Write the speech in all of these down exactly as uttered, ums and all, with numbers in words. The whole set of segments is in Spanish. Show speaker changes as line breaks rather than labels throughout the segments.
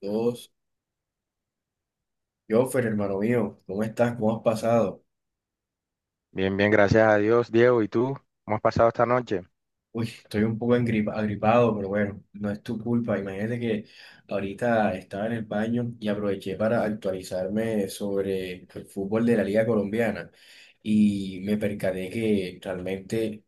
Todos, Joffer, hermano mío, ¿cómo estás? ¿Cómo has pasado?
Bien, bien, gracias a Dios, Diego. ¿Y tú? ¿Cómo has pasado esta noche?
Uy, estoy un poco engripa- agripado, pero bueno, no es tu culpa. Imagínate que ahorita estaba en el baño y aproveché para actualizarme sobre el fútbol de la Liga Colombiana y me percaté que realmente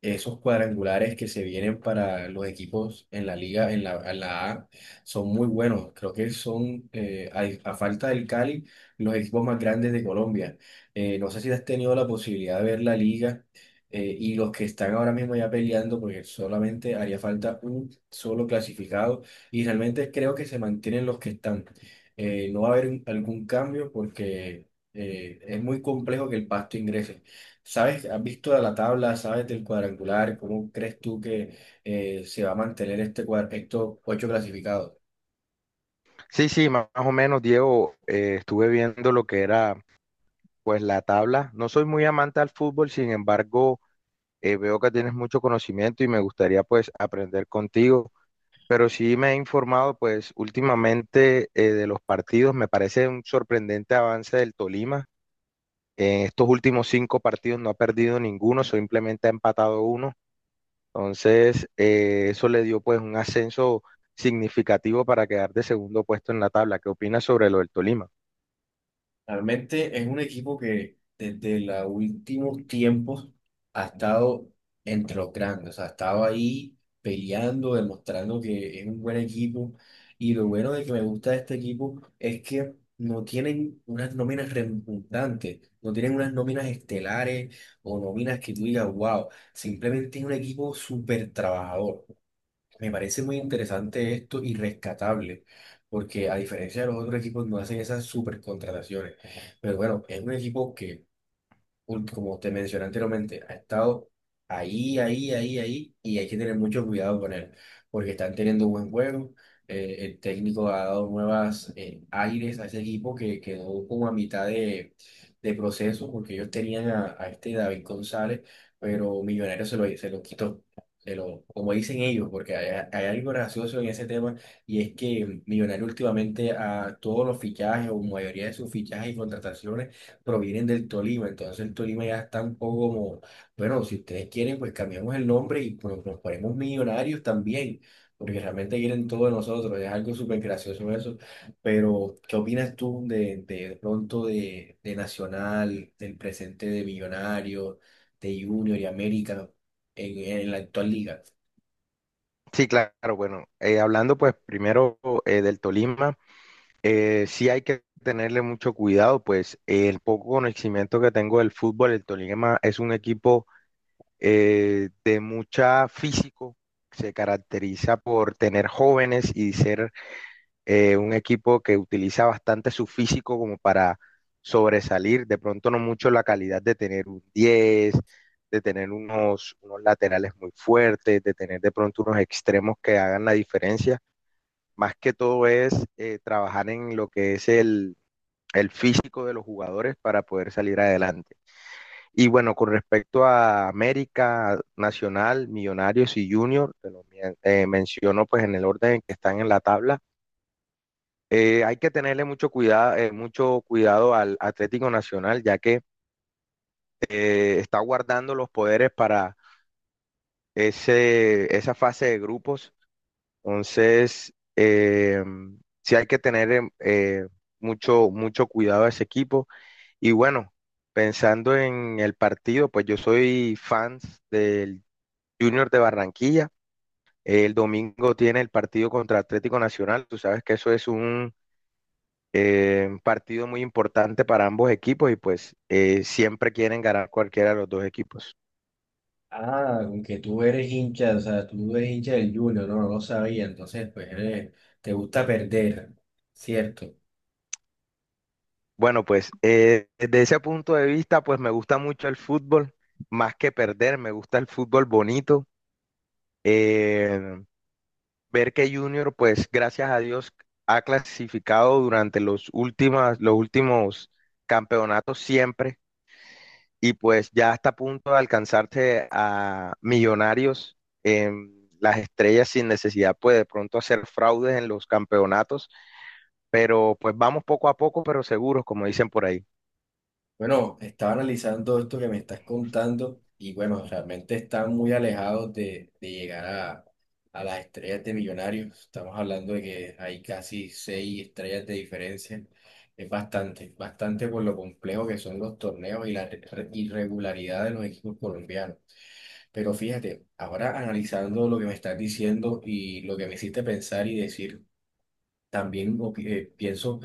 esos cuadrangulares que se vienen para los equipos en la Liga, en la, en la A, son muy buenos. Creo que son, eh, a, a falta del Cali, los equipos más grandes de Colombia. Eh, no sé si has tenido la posibilidad de ver la Liga eh, y los que están ahora mismo ya peleando, porque solamente haría falta un solo clasificado y realmente creo que se mantienen los que están. Eh, no va a haber un- algún cambio porque eh, es muy complejo que el Pasto ingrese. ¿Sabes? ¿Has visto la tabla? ¿Sabes del cuadrangular? ¿Cómo crees tú que eh, se va a mantener este cuadro, estos ocho clasificados?
Sí, sí, más o menos, Diego, eh, estuve viendo lo que era, pues, la tabla. No soy muy amante al fútbol, sin embargo, eh, veo que tienes mucho conocimiento y me gustaría, pues, aprender contigo. Pero sí me he informado, pues, últimamente eh, de los partidos. Me parece un sorprendente avance del Tolima. En estos últimos cinco partidos no ha perdido ninguno, simplemente ha empatado uno. Entonces, eh, eso le dio pues un ascenso significativo para quedar de segundo puesto en la tabla. ¿Qué opinas sobre lo del Tolima?
Realmente es un equipo que desde los últimos tiempos ha estado entre los grandes, o sea, ha estado ahí peleando, demostrando que es un buen equipo. Y lo bueno de que me gusta de este equipo es que no tienen unas nóminas redundantes, no tienen unas nóminas estelares o nóminas que tú digas, wow, simplemente es un equipo súper trabajador. Me parece muy interesante esto y rescatable, porque a diferencia de los otros equipos no hacen esas supercontrataciones. Pero bueno, es un equipo que ul- como te mencioné anteriormente, ha estado ahí, ahí, ahí, ahí, y hay que tener mucho cuidado con él, porque están teniendo buen juego. Eh, el técnico ha dado nuevas eh, aires a ese equipo que quedó como a mitad de, de proceso, porque ellos tenían a, a este David González, pero Millonarios se lo, se lo quitó. Se lo- como dicen ellos, porque hay, hay algo gracioso en ese tema, y es que Millonarios últimamente a todos los fichajes o mayoría de sus fichajes y contrataciones provienen del Tolima, entonces el Tolima ya está un poco como, bueno, si ustedes quieren, pues cambiamos el nombre y pues, nos ponemos millonarios también, porque realmente quieren todo de nosotros, es algo súper gracioso eso, pero ¿qué opinas tú de, de, de pronto de, de Nacional, del presente de Millonarios, de Junior y América en, en la actual liga?
Sí, claro, bueno, eh, hablando pues primero eh, del Tolima, eh, sí hay que tenerle mucho cuidado, pues eh, el poco conocimiento que tengo del fútbol, el Tolima es un equipo eh, de mucha físico, se caracteriza por tener jóvenes y ser eh, un equipo que utiliza bastante su físico como para sobresalir, de pronto no mucho la calidad de tener un diez de tener unos, unos laterales muy fuertes, de tener de pronto unos extremos que hagan la diferencia. Más que todo es eh, trabajar en lo que es el, el físico de los jugadores para poder salir adelante. Y bueno, con respecto a América, Nacional, Millonarios y Junior, te lo men- eh, menciono pues en el orden en que están en la tabla, eh, hay que tenerle mucho cuidado, mucho cuidado al Atlético Nacional, ya que eh, está guardando los poderes para ese, esa fase de grupos. Entonces, eh, sí hay que tener em, eh, mucho, mucho cuidado a ese equipo. Y bueno, pensando en el partido, pues yo soy fan del Junior de Barranquilla. El domingo tiene el partido contra Atlético Nacional. Tú sabes que eso es un Eh, partido muy importante para ambos equipos y pues eh, siempre quieren ganar cualquiera de los dos equipos.
Ah, aunque tú eres hincha, o sea, tú eres hincha del Junior, no, no lo sabía, entonces pues eres- te gusta perder, ¿cierto?
Bueno, pues eh, desde ese punto de vista, pues me gusta mucho el fútbol, más que perder, me gusta el fútbol bonito. Eh, ver que Junior, pues gracias a Dios, ha clasificado durante los últimas, los últimos campeonatos siempre. Y pues ya está a punto de alcanzarse a millonarios en las estrellas sin necesidad, pues de pronto hacer fraudes en los campeonatos, pero pues vamos poco a poco, pero seguros, como dicen por ahí.
Bueno, estaba analizando esto que me estás contando y bueno, realmente están muy alejados de, de llegar a, a las estrellas de millonarios. Estamos hablando de que hay casi seis estrellas de diferencia. Es bastante, bastante por lo complejo que son los torneos y la re- irregularidad de los equipos colombianos. Pero fíjate, ahora analizando lo que me estás diciendo y lo que me hiciste pensar y decir, también opi- eh, pienso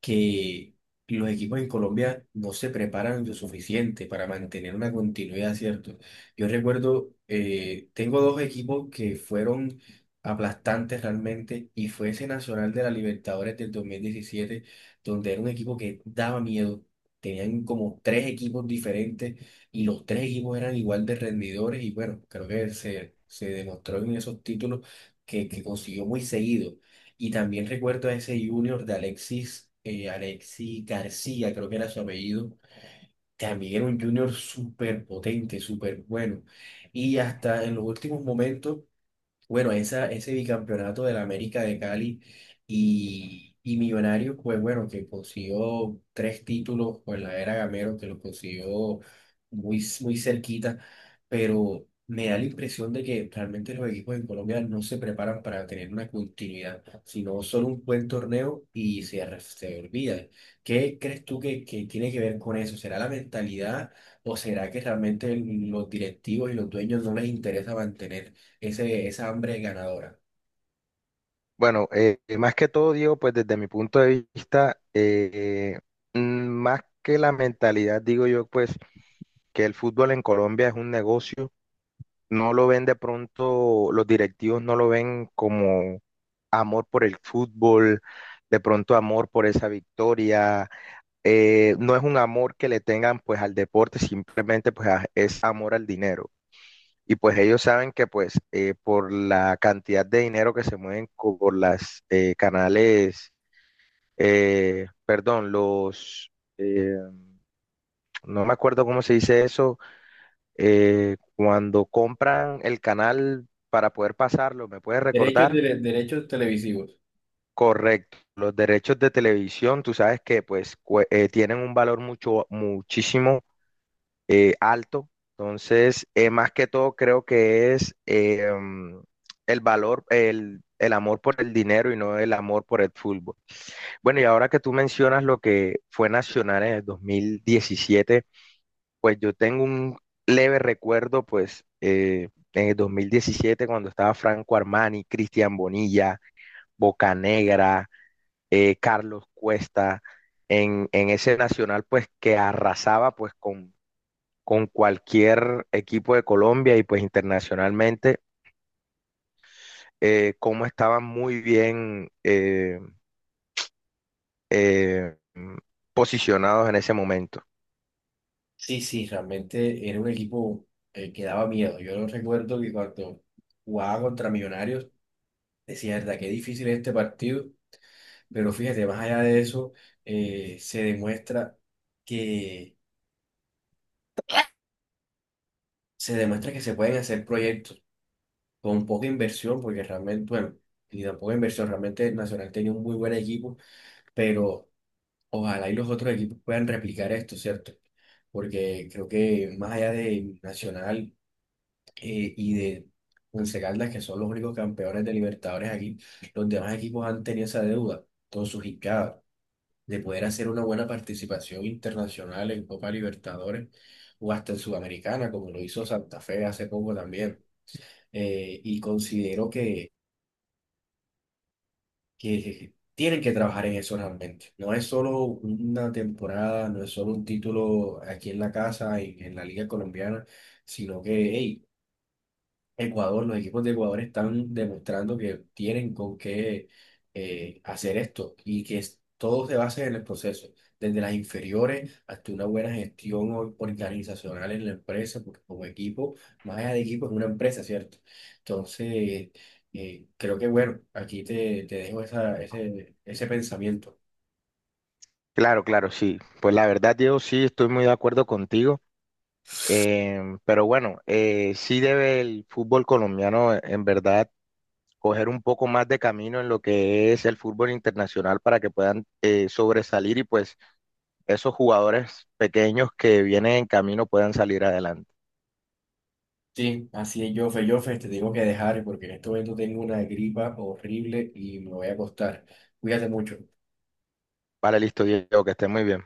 que los equipos en Colombia no se preparan lo suficiente para mantener una continuidad, ¿cierto? Yo recuerdo, eh, tengo dos equipos que fueron aplastantes realmente y fue ese Nacional de la Libertadores del dos mil diecisiete donde era un equipo que daba miedo. Tenían como tres equipos diferentes y los tres equipos eran igual de rendidores y bueno, creo que se, se demostró en esos títulos que, que consiguió muy seguido. Y también recuerdo a ese junior de Alexis, eh, Alexis García, creo que era su apellido. También era un junior súper potente, súper bueno. Y hasta en los últimos momentos bueno, esa, ese bicampeonato de la América de Cali y, y Millonarios, pues bueno, que consiguió tres títulos con la era Gamero, que lo consiguió muy, muy cerquita, pero me da la impresión de que realmente los equipos en Colombia no se preparan para tener una continuidad, sino solo un buen torneo y se, re- se olvida. ¿Qué crees tú que, que tiene que ver con eso? ¿Será la mentalidad o será que realmente los directivos y los dueños no les interesa mantener? Ese, esa hambre ganadora.
Bueno, eh, más que todo, Diego, pues desde mi punto de vista, eh, mm, más que la mentalidad, digo yo, pues que el fútbol en Colombia es un negocio, no lo ven de pronto, los directivos no lo ven como amor por el fútbol, de pronto amor por esa victoria. eh, no es un amor que le tengan pues al deporte, simplemente pues a- es amor al dinero. Y pues ellos saben que pues eh, por la cantidad de dinero que se mueven co- por las eh, canales, eh, perdón, los, eh, no me acuerdo cómo se dice eso, eh, cuando compran el canal para poder pasarlo, ¿me puedes
Derechos,
recordar?
de- derechos televisivos.
Correcto. Los derechos de televisión, tú sabes que pues cue- eh, tienen un valor mucho, muchísimo eh, alto. Entonces, eh, más que todo, creo que es eh, mm, el valor, el, el amor por el dinero y no el amor por el fútbol. Bueno, y ahora que tú mencionas lo que fue Nacional en el dos mil diecisiete. Pues yo tengo un leve recuerdo, pues, eh, en el dos mil diecisiete, cuando estaba Franco Armani, Cristian Bonilla, Bocanegra, eh, Carlos Cuesta, en, en ese Nacional, pues, que arrasaba, pues, con, con cualquier equipo de Colombia y, pues, internacionalmente, eh, cómo estaban muy bien eh, eh, posicionados en ese momento.
Sí, sí, realmente era un equipo eh, que daba miedo. Yo no recuerdo que cuando jugaba contra Millonarios, decía, verdad, qué difícil es este partido. Pero fíjate, más allá de eso, eh, se demuestra que se demuestra que se pueden hacer proyectos con poca inversión, porque realmente, bueno, y tampoco inversión, realmente el Nacional tenía un muy buen equipo, pero ojalá y los otros equipos puedan replicar esto, ¿cierto? Porque creo que más allá de Nacional eh, y de Once Caldas, que son los únicos campeones de Libertadores aquí, los demás equipos han tenido esa deuda con sus hincadas de poder hacer una buena participación internacional en Copa Libertadores o hasta en Sudamericana, como lo hizo Santa Fe hace poco también. Eh, y considero que que, que- tienen que trabajar en eso realmente. No es solo una temporada, no es solo un título aquí en la casa, en, en la Liga Colombiana, sino que, hey, Ecuador, los equipos de Ecuador están demostrando que tienen con qué eh, hacer esto y que es- todo se basa en el proceso, desde las inferiores hasta una buena gestión or- organizacional en la empresa, porque como equipo, más allá de equipo, es una empresa, ¿cierto? Entonces, eh, creo que bueno, aquí te, te dejo esa, ese, ese pensamiento.
Claro, claro, sí. Pues la verdad, Diego, sí, estoy muy de acuerdo contigo. Em, pero bueno, eh, sí debe el fútbol colombiano eh, en verdad coger un poco más de camino en lo que es el fútbol internacional para que puedan eh, sobresalir y pues esos jugadores pequeños que vienen en camino puedan salir adelante.
Sí, así es, Jofe, Jofe, te tengo que dejar porque en este momento tengo una gripa horrible y me voy a acostar. Cuídate mucho.
Vale, listo, Diego, que esté muy bien.